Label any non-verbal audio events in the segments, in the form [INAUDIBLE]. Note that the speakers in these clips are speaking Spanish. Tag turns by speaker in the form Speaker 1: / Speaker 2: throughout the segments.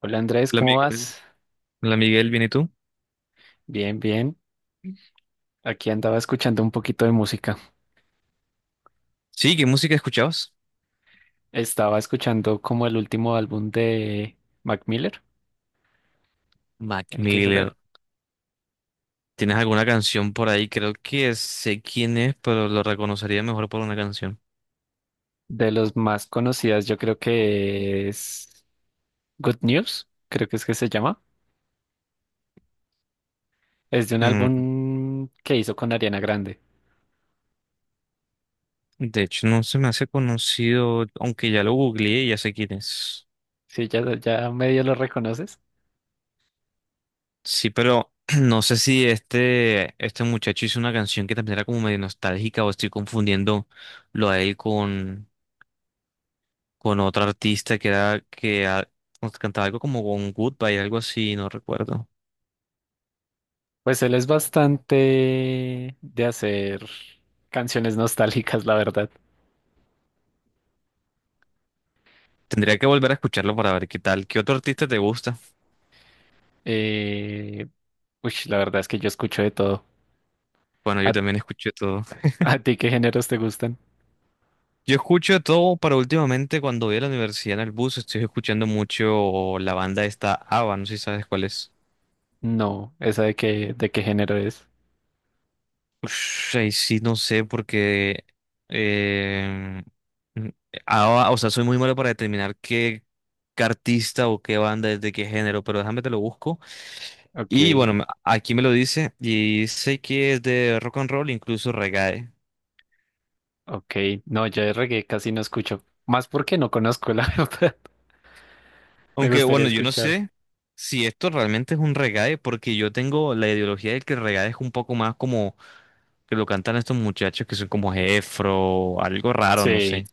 Speaker 1: Hola Andrés,
Speaker 2: Hola
Speaker 1: ¿cómo
Speaker 2: Miguel.
Speaker 1: vas?
Speaker 2: Hola Miguel, ¿bien y tú?
Speaker 1: Bien, bien. Aquí andaba escuchando un poquito de música.
Speaker 2: Sí, ¿qué música escuchabas?
Speaker 1: Estaba escuchando como el último álbum de Mac Miller,
Speaker 2: Mac
Speaker 1: el que será
Speaker 2: Miller. ¿Tienes alguna canción por ahí? Creo que sé quién es, pero lo reconocería mejor por una canción.
Speaker 1: de los más conocidas, yo creo que es Good News, creo que es que se llama. Es de un
Speaker 2: Mm,
Speaker 1: álbum que hizo con Ariana Grande.
Speaker 2: de hecho, no se me hace conocido, aunque ya lo googleé y ya sé quién es.
Speaker 1: Sí, ya, ya medio lo reconoces.
Speaker 2: Sí, pero [CLEARS THROAT] no sé si este muchacho hizo una canción que también era como medio nostálgica, o estoy confundiendo lo a él con otro artista que era que cantaba algo como con Goodbye, algo así, no recuerdo.
Speaker 1: Pues él es bastante de hacer canciones nostálgicas, la verdad.
Speaker 2: Tendría que volver a escucharlo para ver qué tal. ¿Qué otro artista te gusta?
Speaker 1: Eh, Uy, la verdad es que yo escucho de todo.
Speaker 2: Bueno, yo también escucho todo.
Speaker 1: ¿A
Speaker 2: [LAUGHS]
Speaker 1: ti qué géneros te gustan?
Speaker 2: Yo escucho de todo, pero últimamente cuando voy a la universidad en el bus estoy escuchando mucho la banda esta ABBA, no sé si sabes cuál es.
Speaker 1: No, esa de qué género es.
Speaker 2: Ush, ahí sí, no sé, porque eh, mm, ABBA, o sea, soy muy malo para determinar qué, qué artista o qué banda es de qué género, pero déjame te lo busco. Y
Speaker 1: Ok,
Speaker 2: bueno, aquí me lo dice y sé que es de rock and roll, incluso reggae.
Speaker 1: ok. No, yo de reggae casi no escucho. Más porque no conozco, la [LAUGHS] verdad. Me
Speaker 2: Aunque,
Speaker 1: gustaría
Speaker 2: bueno, yo no
Speaker 1: escuchar.
Speaker 2: sé si esto realmente es un reggae, porque yo tengo la ideología de que el reggae es un poco más como que lo cantan estos muchachos que son como Jefro, algo raro, no
Speaker 1: Sí,
Speaker 2: sé.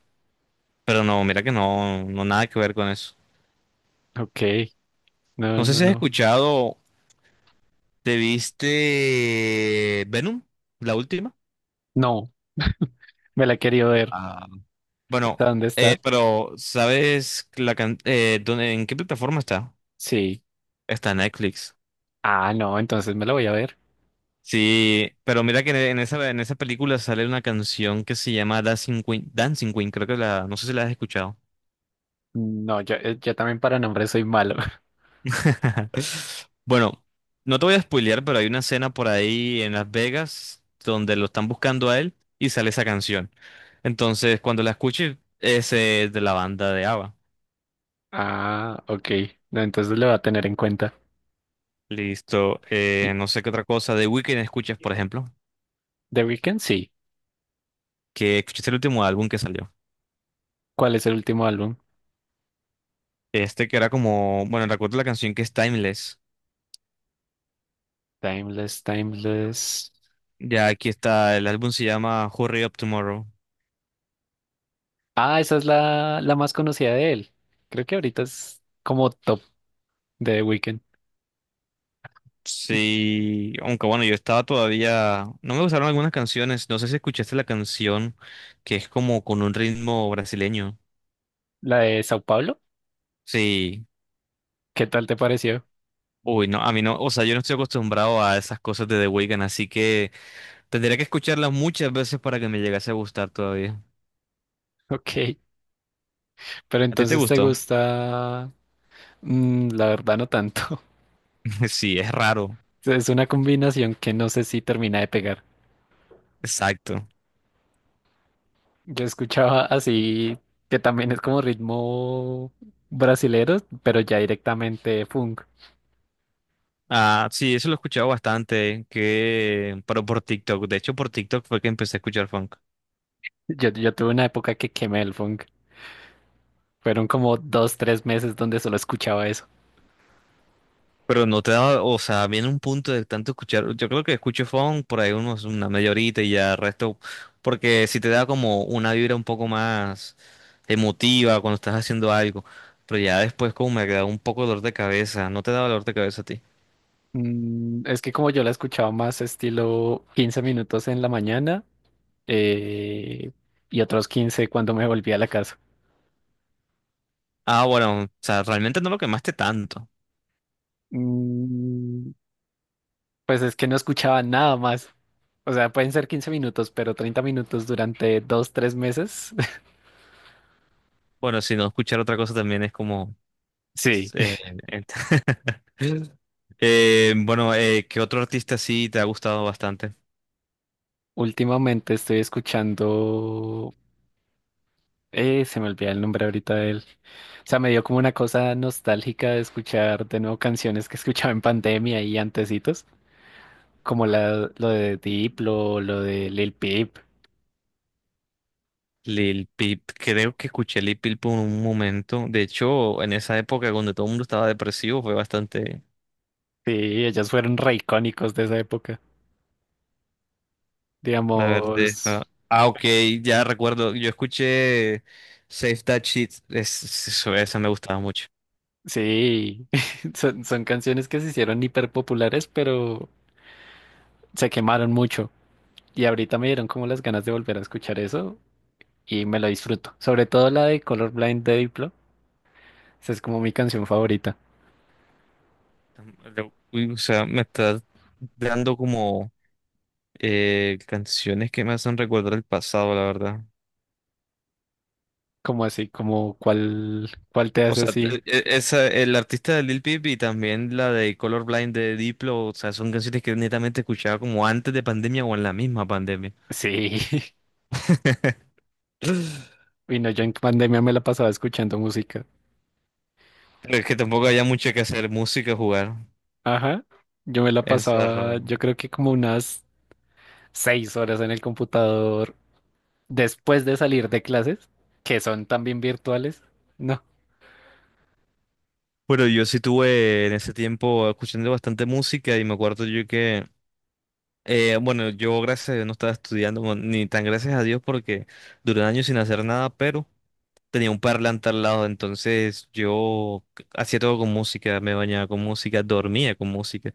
Speaker 2: Pero no, mira que no, no nada que ver con eso.
Speaker 1: ok. No,
Speaker 2: No sé
Speaker 1: no,
Speaker 2: si has
Speaker 1: no.
Speaker 2: escuchado, ¿te viste Venom? La última.
Speaker 1: No, [LAUGHS] me la he querido ver.
Speaker 2: Ah,
Speaker 1: ¿Está
Speaker 2: bueno,
Speaker 1: dónde está?
Speaker 2: pero ¿sabes la en qué plataforma está?
Speaker 1: Sí.
Speaker 2: Está en Netflix.
Speaker 1: Ah, no, entonces me la voy a ver.
Speaker 2: Sí, pero mira que en esa, en esa película sale una canción que se llama Dancing Queen, Dancing Queen, creo que no sé si la has escuchado.
Speaker 1: No, yo también para nombres soy malo. [LAUGHS]
Speaker 2: [LAUGHS] Bueno, no te voy a spoilear, pero hay una escena por ahí en Las Vegas donde lo están buscando a él y sale esa canción. Entonces, cuando la escuches, es de la banda de ABBA.
Speaker 1: Ah, ok. No, entonces lo voy a tener en cuenta.
Speaker 2: Listo,
Speaker 1: Y-
Speaker 2: no sé qué otra cosa de Weeknd escuchas, por ejemplo,
Speaker 1: The Weeknd, sí.
Speaker 2: que escuchaste el último álbum que salió.
Speaker 1: ¿Cuál es el último álbum?
Speaker 2: Este que era como, bueno, recuerdo la canción que es Timeless.
Speaker 1: Timeless, Timeless.
Speaker 2: Ya aquí está, el álbum se llama Hurry Up Tomorrow.
Speaker 1: Ah, esa es la más conocida de él. Creo que ahorita es como top de The Weeknd.
Speaker 2: Sí, aunque bueno, yo estaba todavía, no me gustaron algunas canciones, no sé si escuchaste la canción que es como con un ritmo brasileño.
Speaker 1: La de Sao Paulo.
Speaker 2: Sí,
Speaker 1: ¿Qué tal te pareció? [LAUGHS]
Speaker 2: uy, no, a mí no, o sea, yo no estoy acostumbrado a esas cosas de The Weeknd, así que tendría que escucharlas muchas veces para que me llegase a gustar todavía.
Speaker 1: Ok, pero
Speaker 2: ¿A ti te
Speaker 1: entonces te
Speaker 2: gustó?
Speaker 1: gusta... Mm, la verdad no tanto. [LAUGHS]
Speaker 2: [LAUGHS] Sí, es raro,
Speaker 1: Es una combinación que no sé si termina de pegar.
Speaker 2: exacto.
Speaker 1: Yo escuchaba así, que también es como ritmo brasilero, pero ya directamente funk.
Speaker 2: Ah, sí, eso lo he escuchado bastante, que, pero por TikTok, de hecho por TikTok fue que empecé a escuchar funk.
Speaker 1: Yo tuve una época que quemé el funk. Fueron como dos, tres meses donde solo escuchaba eso.
Speaker 2: Pero no te da, o sea, viene un punto de tanto escuchar, yo creo que escucho funk por ahí unos, una media horita y ya el resto, porque si te da como una vibra un poco más emotiva cuando estás haciendo algo, pero ya después como me da un poco de dolor de cabeza, no te da dolor de cabeza a ti.
Speaker 1: Es que como yo la he escuchado más estilo 15 minutos en la mañana eh, y otros 15 cuando me volví a la casa.
Speaker 2: Ah, bueno, o sea, realmente no lo quemaste tanto.
Speaker 1: Mm, pues es que no escuchaba nada más. O sea, pueden ser 15 minutos, pero 30 minutos durante dos, tres meses. [LAUGHS]
Speaker 2: Bueno, si no escuchar otra cosa también es como...
Speaker 1: Sí.
Speaker 2: eh, ent- [LAUGHS] bueno, ¿qué otro artista sí te ha gustado bastante?
Speaker 1: Últimamente estoy escuchando... Se me olvida el nombre ahorita de él. O sea, me dio como una cosa nostálgica de escuchar de nuevo canciones que escuchaba en pandemia y antecitos, como lo de Diplo, lo de Lil Peep.
Speaker 2: Lil Peep, creo que escuché Lil Peep por un momento. De hecho, en esa época cuando todo el mundo estaba depresivo, fue bastante.
Speaker 1: Sí, ellos fueron re icónicos de esa época.
Speaker 2: A ver,
Speaker 1: Digamos,
Speaker 2: ok, ya recuerdo. Yo escuché Save That Shit. Esa me gustaba mucho.
Speaker 1: sí, [LAUGHS] son canciones que se hicieron hiper populares, pero se quemaron mucho. Y ahorita me dieron como las ganas de volver a escuchar eso y me lo disfruto. Sobre todo la de Colorblind de Diplo. Esa es como mi canción favorita.
Speaker 2: Uy, o sea, me está dando como canciones que me hacen recordar el pasado, la verdad.
Speaker 1: Como así, como cuál te
Speaker 2: O
Speaker 1: hace
Speaker 2: sea,
Speaker 1: así.
Speaker 2: esa, el artista de Lil Peep y también la de Colorblind de Diplo, o sea, son canciones que netamente escuchaba como antes de pandemia o en la misma pandemia.
Speaker 1: Sí. [LAUGHS]
Speaker 2: [LAUGHS]
Speaker 1: Y no, yo en pandemia me la pasaba escuchando música.
Speaker 2: Pero es que tampoco había mucho que hacer, música, jugar,
Speaker 1: Ajá. Yo me la pasaba,
Speaker 2: encerrado.
Speaker 1: yo creo que como unas 6 horas en el computador después de salir de clases, que son también virtuales. No,
Speaker 2: Bueno, yo sí tuve en ese tiempo escuchando bastante música y me acuerdo yo que bueno, yo gracias a Dios no estaba estudiando, bueno, ni tan gracias a Dios porque duré años sin hacer nada, pero tenía un parlante al lado, entonces yo hacía todo con música, me bañaba con música, dormía con música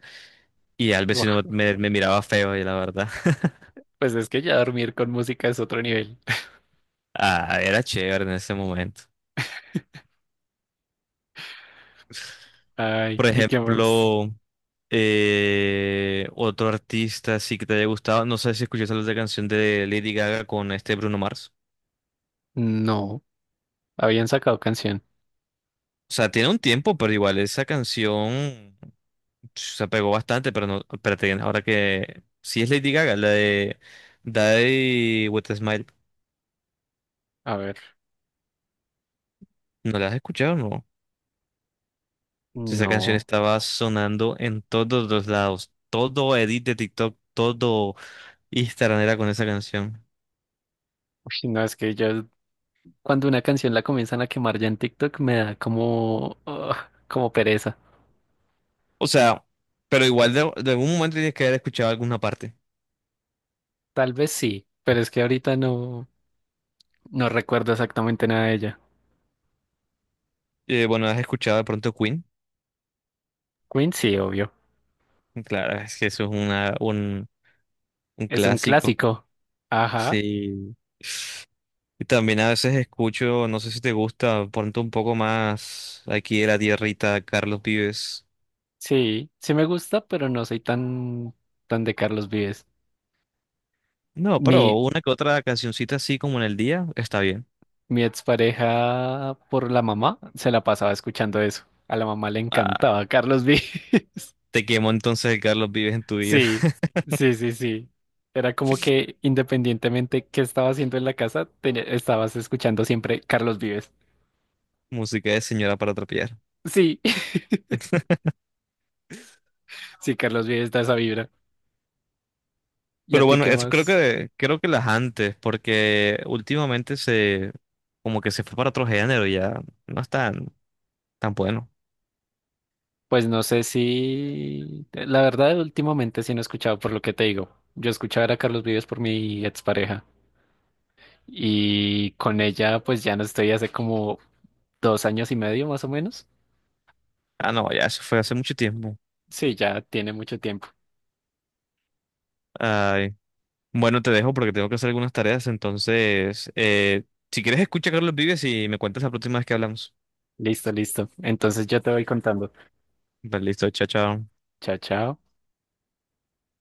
Speaker 2: y al
Speaker 1: buah,
Speaker 2: vecino me miraba feo y la verdad, [LAUGHS]
Speaker 1: pues es que ya dormir con música es otro nivel. [LAUGHS]
Speaker 2: ah, era chévere en ese momento.
Speaker 1: Ay,
Speaker 2: Por
Speaker 1: ¿y qué más?
Speaker 2: ejemplo, otro artista sí que te haya gustado, no sé si escuchaste la otra canción de Lady Gaga con este Bruno Mars.
Speaker 1: No, habían sacado canción.
Speaker 2: O sea, tiene un tiempo, pero igual esa canción se pegó bastante, pero no, espérate, ahora que sí es Lady Gaga, la de Daddy with a Smile,
Speaker 1: A ver,
Speaker 2: ¿no la has escuchado? No. Si esa canción
Speaker 1: no.
Speaker 2: estaba sonando en todos los lados, todo edit de TikTok, todo Instagram era con esa canción.
Speaker 1: Uy, no, es que ya cuando una canción la comienzan a quemar ya en TikTok me da como, ah, como pereza.
Speaker 2: O sea, pero igual de algún momento tienes que haber escuchado alguna parte.
Speaker 1: Tal vez sí, pero es que ahorita no, no recuerdo exactamente nada de ella.
Speaker 2: Bueno, has escuchado de pronto Queen,
Speaker 1: Queen sí, obvio.
Speaker 2: claro, es que eso es un
Speaker 1: Es un
Speaker 2: clásico,
Speaker 1: clásico. Ajá.
Speaker 2: sí. Y también a veces escucho, no sé si te gusta, ponte un poco más aquí de la tierrita, Carlos Vives.
Speaker 1: Sí, sí me gusta, pero no soy tan, tan de Carlos Vives.
Speaker 2: No, pero
Speaker 1: Mi,
Speaker 2: una que otra cancioncita así como en el día, está bien.
Speaker 1: mi expareja por la mamá se la pasaba escuchando eso. A la mamá le
Speaker 2: Ah,
Speaker 1: encantaba Carlos Vives. [LAUGHS]
Speaker 2: te quemo entonces el Carlos Vives en tu vida.
Speaker 1: Sí,
Speaker 2: [LAUGHS]
Speaker 1: sí, sí, sí. Era como que independientemente qué estaba haciendo en la casa, tenía- estabas escuchando siempre Carlos Vives.
Speaker 2: Música de señora para trapear.
Speaker 1: Sí, [LAUGHS] sí, Carlos Vives da esa vibra. ¿Y a
Speaker 2: Pero
Speaker 1: ti
Speaker 2: bueno,
Speaker 1: qué
Speaker 2: eso
Speaker 1: más?
Speaker 2: creo que las antes, porque últimamente se, como que se fue para otro género, ya no es tan, tan bueno.
Speaker 1: Pues no sé si, la verdad, últimamente sí no he escuchado por lo que te digo. Yo escuchaba era a Carlos Vives por mi expareja y con ella pues ya no estoy hace como 2 años y medio más o menos.
Speaker 2: Ah, no, ya eso fue hace mucho tiempo.
Speaker 1: Sí, ya tiene mucho tiempo.
Speaker 2: Bueno, te dejo porque tengo que hacer algunas tareas, entonces, si quieres escucha a Carlos Vives y me cuentas la próxima vez que hablamos.
Speaker 1: Listo, listo. Entonces yo te voy contando.
Speaker 2: Vale, listo, chao, chao.
Speaker 1: Chao, chao.